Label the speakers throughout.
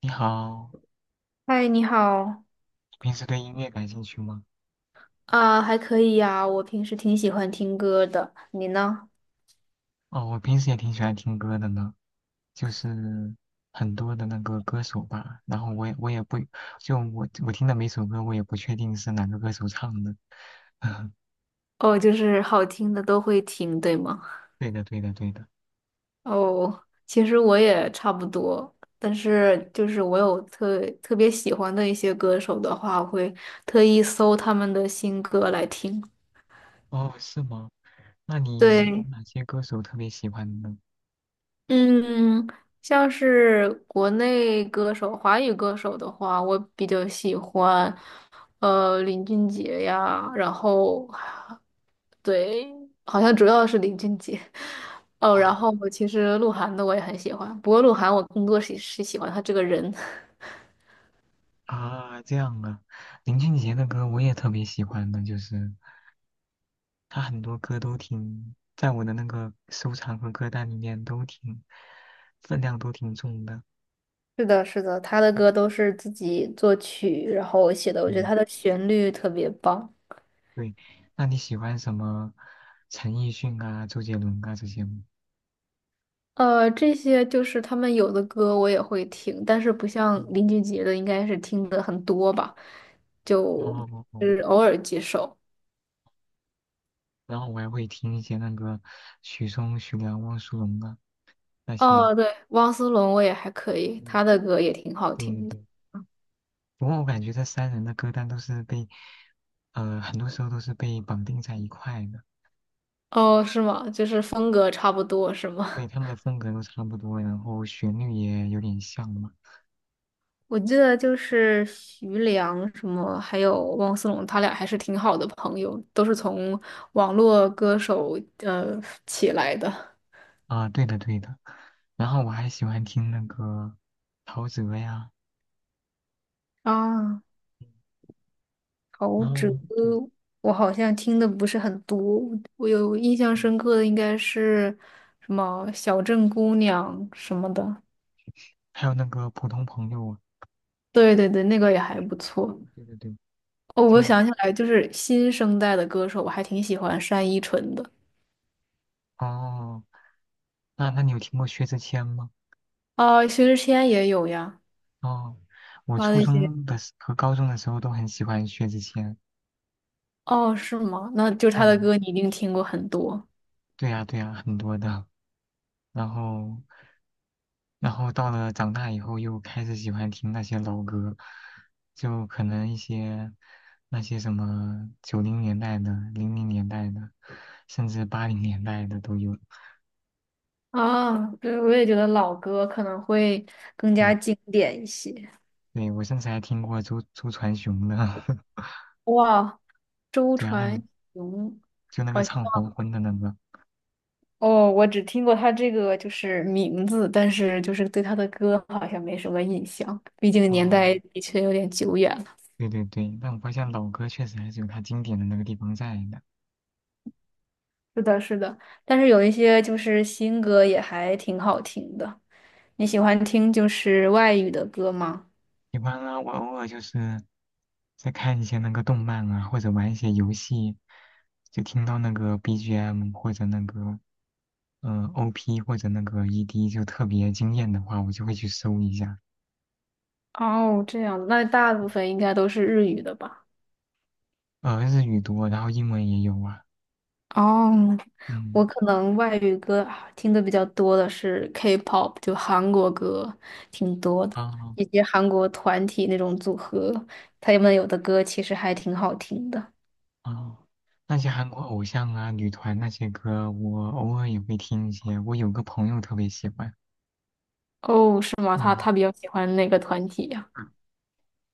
Speaker 1: 你好，
Speaker 2: 嗨，你好
Speaker 1: 你平时对音乐感兴趣吗？
Speaker 2: 啊，还可以呀，我平时挺喜欢听歌的，你呢？
Speaker 1: 哦，我平时也挺喜欢听歌的呢，就是很多的那个歌手吧。然后我也不，就我听的每首歌，我也不确定是哪个歌手唱的。
Speaker 2: 哦，就是好听的都会听，对吗？
Speaker 1: 对的，对的，对的。
Speaker 2: 哦，其实我也差不多，但是就是我有特别喜欢的一些歌手的话，我会特意搜他们的新歌来听。
Speaker 1: 哦，是吗？那你有
Speaker 2: 对，
Speaker 1: 哪些歌手特别喜欢呢？
Speaker 2: 嗯，像是国内歌手、华语歌手的话，我比较喜欢，林俊杰呀，然后对，好像主要是林俊杰。哦，然
Speaker 1: 哦
Speaker 2: 后我其实鹿晗的我也很喜欢，不过鹿晗我更多是喜欢他这个人。
Speaker 1: 啊，这样啊，林俊杰的歌我也特别喜欢的，就是。他很多歌都挺，在我的那个收藏和歌单里面都挺，分量都挺重的。
Speaker 2: 是的，是的，他的歌
Speaker 1: 嗯，
Speaker 2: 都是自己作曲，然后写的，我觉得
Speaker 1: 对
Speaker 2: 他的旋律特别棒。
Speaker 1: 对，那你喜欢什么陈奕迅啊、周杰伦啊这些吗？
Speaker 2: 这些就是他们有的歌我也会听，但是不像
Speaker 1: 嗯，
Speaker 2: 林俊杰的，应该是听的很多吧，
Speaker 1: 哦
Speaker 2: 就
Speaker 1: 哦哦，
Speaker 2: 是偶尔几首。
Speaker 1: 然后我还会听一些那个许嵩、许良、汪苏泷啊那些。
Speaker 2: 哦，对，汪苏泷我也还可以，
Speaker 1: 嗯，
Speaker 2: 他的歌也挺好
Speaker 1: 对对
Speaker 2: 听的。
Speaker 1: 对，不过我感觉这三人的歌单都是被，很多时候都是被绑定在一块的，
Speaker 2: 哦，是吗？就是风格差不多，是吗？
Speaker 1: 对，他们的风格都差不多，然后旋律也有点像嘛。
Speaker 2: 我记得就是徐良什么，还有汪苏泷，他俩还是挺好的朋友，都是从网络歌手起来的。
Speaker 1: 啊，对的对的。然后我还喜欢听那个陶喆呀，
Speaker 2: 啊，陶
Speaker 1: 然
Speaker 2: 喆，
Speaker 1: 后对，
Speaker 2: 我好像听的不是很多，我有印象
Speaker 1: 嗯，
Speaker 2: 深刻的应该是什么《小镇姑娘》什么的。
Speaker 1: 还有那个普通朋友啊，
Speaker 2: 对对对，那个也还不错。
Speaker 1: 对对对，
Speaker 2: 哦，我
Speaker 1: 就，
Speaker 2: 想起来，就是新生代的歌手，我还挺喜欢单依纯的。
Speaker 1: 哦，那那你有听过薛之谦吗？
Speaker 2: 啊，薛之谦也有呀，
Speaker 1: 哦，我
Speaker 2: 他
Speaker 1: 初
Speaker 2: 的一些。
Speaker 1: 中的时和高中的时候都很喜欢薛之谦。
Speaker 2: 哦，是吗？那就是他
Speaker 1: 对的，
Speaker 2: 的歌你一定听过很多
Speaker 1: 对呀对呀，很多的。然后到了长大以后，又开始喜欢听那些老歌，就可能一些那些什么九零年代的、零零年代的，甚至八零年代的都有。
Speaker 2: 啊。对，我也觉得老歌可能会更
Speaker 1: 对，
Speaker 2: 加经典一些。
Speaker 1: 对，我甚至还听过周传雄的，
Speaker 2: 哇，周
Speaker 1: 对啊，那
Speaker 2: 传
Speaker 1: 个
Speaker 2: 雄，
Speaker 1: 就那个
Speaker 2: 好像
Speaker 1: 唱黄昏的那个。
Speaker 2: 哦，我只听过他这个就是名字，但是就是对他的歌好像没什么印象，毕竟年
Speaker 1: 哦，
Speaker 2: 代的确有点久远了。
Speaker 1: 对对对，但我发现老歌确实还是有它经典的那个地方在的。
Speaker 2: 是的，是的，但是有一些就是新歌也还挺好听的。你喜欢听就是外语的歌吗？
Speaker 1: 喜欢啊，我偶尔就是在看一些那个动漫啊，或者玩一些游戏，就听到那个 BGM 或者那个OP 或者那个 ED 就特别惊艳的话，我就会去搜一下。
Speaker 2: 哦，这样，那大部分应该都是日语的吧？
Speaker 1: 呃，日语多，然后英文也有啊。
Speaker 2: 哦，我
Speaker 1: 嗯，
Speaker 2: 可能外语歌啊听的比较多的是 K-pop，就韩国歌挺多的，
Speaker 1: 哦
Speaker 2: 以及韩国团体那种组合，他们有的歌其实还挺好听的。
Speaker 1: 哦，那些韩国偶像啊、女团那些歌，我偶尔也会听一些。我有个朋友特别喜欢。
Speaker 2: 哦，是吗？他
Speaker 1: 嗯。
Speaker 2: 他比较喜欢哪个团体呀？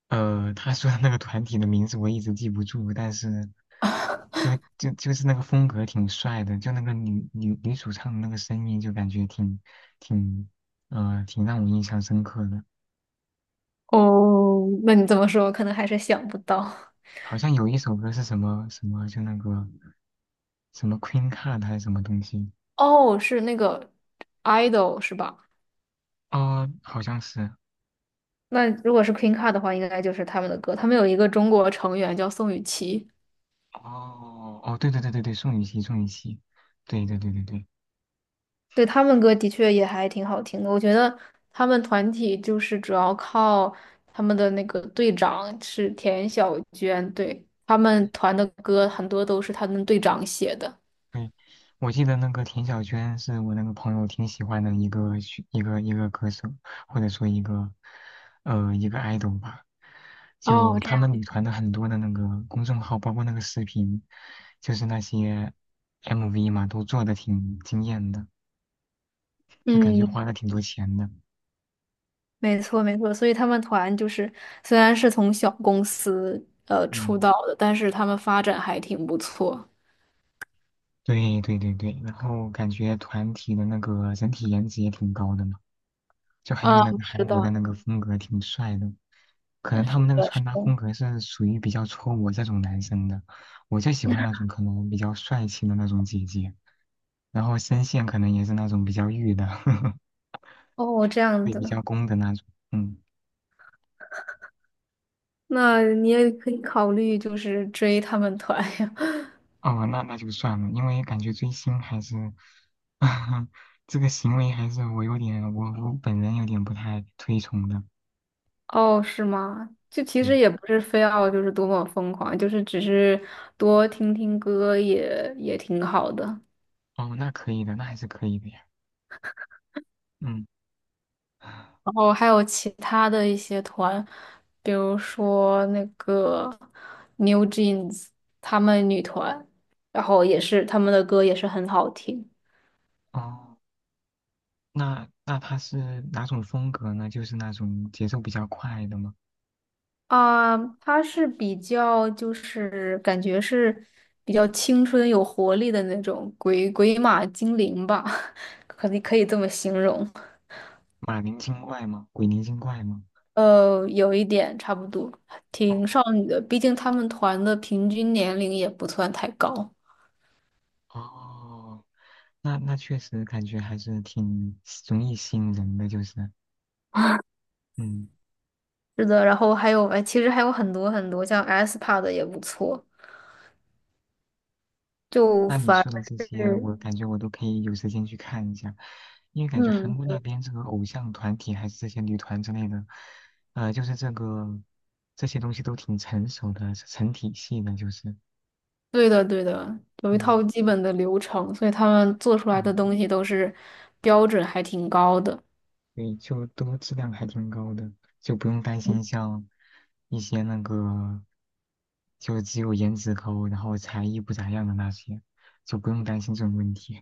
Speaker 1: 呃，他说的那个团体的名字我一直记不住，但是就就是那个风格挺帅的，就那个女主唱的那个声音，就感觉挺挺让我印象深刻的。
Speaker 2: 哦，那你这么说，我可能还是想不到。
Speaker 1: 好像有一首歌是什么什么，就那个什么 Queen Card 还是什么东西？
Speaker 2: 哦，是那个 idol 是吧？
Speaker 1: 哦，好像是。
Speaker 2: 那如果是 Queen Card 的话，应该就是他们的歌。他们有一个中国成员叫宋雨琦，
Speaker 1: 哦哦，对对对对对，宋雨琦，宋雨琦，对对对对对。
Speaker 2: 对，他们歌的确也还挺好听的，我觉得他们团体就是主要靠他们的那个队长是田小娟，对，他们团的歌很多都是他们队长写的。
Speaker 1: 对，我记得那个田小娟是我那个朋友挺喜欢的一个选一个一个歌手，或者说一个 idol 吧。
Speaker 2: 哦，
Speaker 1: 就
Speaker 2: 这
Speaker 1: 他
Speaker 2: 样，
Speaker 1: 们女团的很多的那个公众号，包括那个视频，就是那些 MV 嘛，都做的挺惊艳的，就感觉
Speaker 2: 嗯，
Speaker 1: 花了挺多钱的。
Speaker 2: 没错没错，所以他们团就是虽然是从小公司出
Speaker 1: 嗯，
Speaker 2: 道的，但是他们发展还挺不错。
Speaker 1: 对对对对，然后感觉团体的那个整体颜值也挺高的。嘛。就很有
Speaker 2: 啊，
Speaker 1: 那个
Speaker 2: 是
Speaker 1: 韩国的
Speaker 2: 的，
Speaker 1: 那个风格，挺帅的。可能他们那个
Speaker 2: 是
Speaker 1: 穿搭
Speaker 2: 的。
Speaker 1: 风格是属于比较戳我这种男生的，我就喜
Speaker 2: 是
Speaker 1: 欢
Speaker 2: 的
Speaker 1: 那种可能比较帅气的那种姐姐，然后声线可能也是那种比较御的，
Speaker 2: 哦，这样
Speaker 1: 对，比
Speaker 2: 子，
Speaker 1: 较攻的那种。嗯，
Speaker 2: 那你也可以考虑就是追他们团呀。
Speaker 1: 哦，那那就算了，因为感觉追星还是，这个行为还是我有点，我本人有点不太推崇的。
Speaker 2: 哦，是吗？就其
Speaker 1: 对，
Speaker 2: 实也不是非要就是多么疯狂，就是只是多听听歌也挺好的。
Speaker 1: 哦，那可以的，那还是可以的呀。嗯，
Speaker 2: 然后还有其他的一些团，比如说那个 New Jeans 他们女团，然后也是他们的歌也是很好听
Speaker 1: 哦。那他是哪种风格呢？就是那种节奏比较快的吗？
Speaker 2: 啊。它是比较就是感觉是比较青春有活力的那种鬼马精灵吧，可以可以这么形容。
Speaker 1: 马林精怪吗？鬼灵精怪吗？
Speaker 2: 有一点差不多，挺
Speaker 1: 哦
Speaker 2: 少女的。毕竟他们团的平均年龄也不算太高。
Speaker 1: 哦，那确实感觉还是挺容易吸引人的，就是嗯，
Speaker 2: 是的，然后还有，哎，其实还有很多很多，像 SPA 的也不错。就
Speaker 1: 那你
Speaker 2: 反
Speaker 1: 说的
Speaker 2: 而
Speaker 1: 这些，
Speaker 2: 是，
Speaker 1: 我感觉我都可以有时间去看一下，因为感觉韩
Speaker 2: 嗯，
Speaker 1: 国那边这个偶像团体还是这些女团之类的，呃，就是这个这些东西都挺成熟的，是成体系的，就是
Speaker 2: 对的，对的，有一套
Speaker 1: 嗯
Speaker 2: 基本的流程，所以他们做出来的
Speaker 1: 嗯。
Speaker 2: 东西都是标准还挺高的。
Speaker 1: 对，就都质量还挺高的，就不用担
Speaker 2: 嗯
Speaker 1: 心像一些那个，就只有颜值高，然后才艺不咋样的那些，就不用担心这种问题。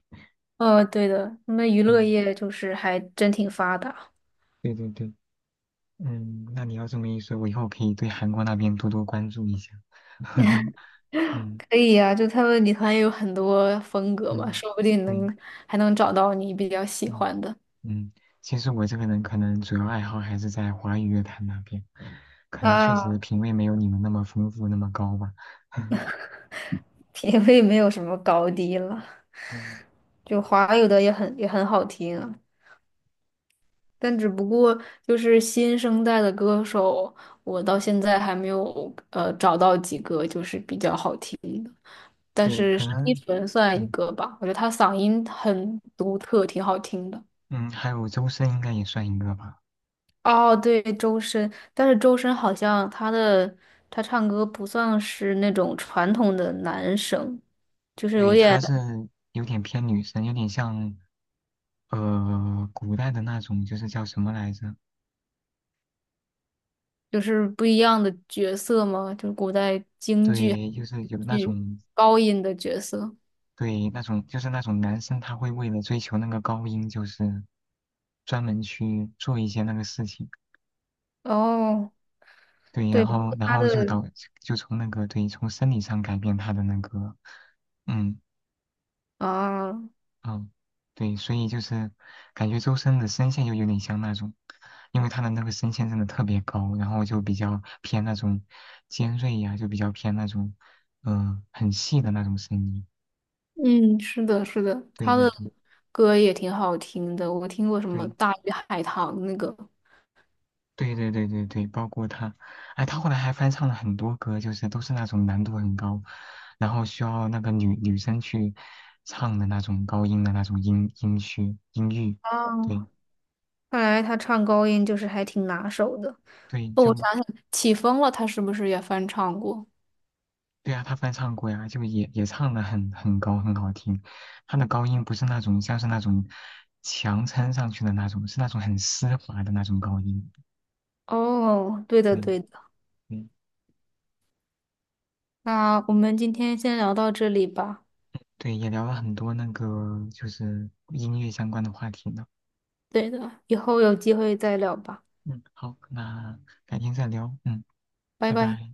Speaker 2: 对的，他们娱乐
Speaker 1: 嗯，
Speaker 2: 业就是还真挺发达。
Speaker 1: 对对对，嗯，那你要这么一说，我以后可以对韩国那边多多关注一下。嗯
Speaker 2: 可以呀、就他们女团也有很多风格嘛，
Speaker 1: 嗯，
Speaker 2: 说不定
Speaker 1: 对，
Speaker 2: 能还能找到你比较喜
Speaker 1: 嗯
Speaker 2: 欢的。
Speaker 1: 嗯，其实我这个人可能主要爱好还是在华语乐坛那边，可能确
Speaker 2: 啊，
Speaker 1: 实品味没有你们那么丰富，那么高吧。
Speaker 2: 品味没有什么高低了，
Speaker 1: 嗯，
Speaker 2: 就华语的也很好听啊，但只不过就是新生代的歌手，我到现在还没有找到几个就是比较好听的，但
Speaker 1: 对，
Speaker 2: 是
Speaker 1: 可
Speaker 2: 单依
Speaker 1: 能，
Speaker 2: 纯算一
Speaker 1: 嗯
Speaker 2: 个吧，我觉得她嗓音很独特，挺好听的。
Speaker 1: 嗯，还有周深应该也算一个吧。
Speaker 2: 哦，对，周深，但是周深好像他唱歌不算是那种传统的男生，就是有
Speaker 1: 对，
Speaker 2: 点
Speaker 1: 他是有点偏女生，有点像呃古代的那种，就是叫什么来着？
Speaker 2: 就是不一样的角色嘛，就是古代京剧
Speaker 1: 对，就是有那
Speaker 2: 剧
Speaker 1: 种，
Speaker 2: 高音的角色。
Speaker 1: 对，那种就是那种男生他会为了追求那个高音，就是专门去做一些那个事情。
Speaker 2: 哦，
Speaker 1: 对，
Speaker 2: 对，
Speaker 1: 然
Speaker 2: 包
Speaker 1: 后
Speaker 2: 括
Speaker 1: 然
Speaker 2: 他
Speaker 1: 后就
Speaker 2: 的
Speaker 1: 导就从那个，对，从生理上改变他的那个嗯
Speaker 2: 啊，
Speaker 1: 嗯，对，所以就是感觉周深的声线就有点像那种，因为他的那个声线真的特别高，然后就比较偏那种尖锐呀、就比较偏那种，嗯、很细的那种声音。
Speaker 2: 嗯，是的，是的，
Speaker 1: 对
Speaker 2: 他
Speaker 1: 对
Speaker 2: 的
Speaker 1: 对
Speaker 2: 歌也挺好听的，我听过什么
Speaker 1: 对
Speaker 2: 《大鱼海棠》那个。
Speaker 1: 对对对对对，包括他，哎，他后来还翻唱了很多歌，就是都是那种难度很高，然后需要那个女生去唱的那种高音的那种音区音域。对
Speaker 2: 哦，看来他唱高音就是还挺拿手的。
Speaker 1: 对，
Speaker 2: 哦，我
Speaker 1: 就，
Speaker 2: 想想，起风了，他是不是也翻唱过？
Speaker 1: 对啊，他翻唱过呀，就也也唱的很高，很好听。他的高音不是那种像是那种强撑上去的那种，是那种很丝滑的那种高音。
Speaker 2: 哦，对的
Speaker 1: 对，
Speaker 2: 对的，
Speaker 1: 对，
Speaker 2: 那我们今天先聊到这里吧。
Speaker 1: 对，也聊了很多那个就是音乐相关的话题呢。
Speaker 2: 对的，以后有机会再聊吧，
Speaker 1: 嗯，好，那改天再聊。嗯，
Speaker 2: 拜
Speaker 1: 拜
Speaker 2: 拜。
Speaker 1: 拜。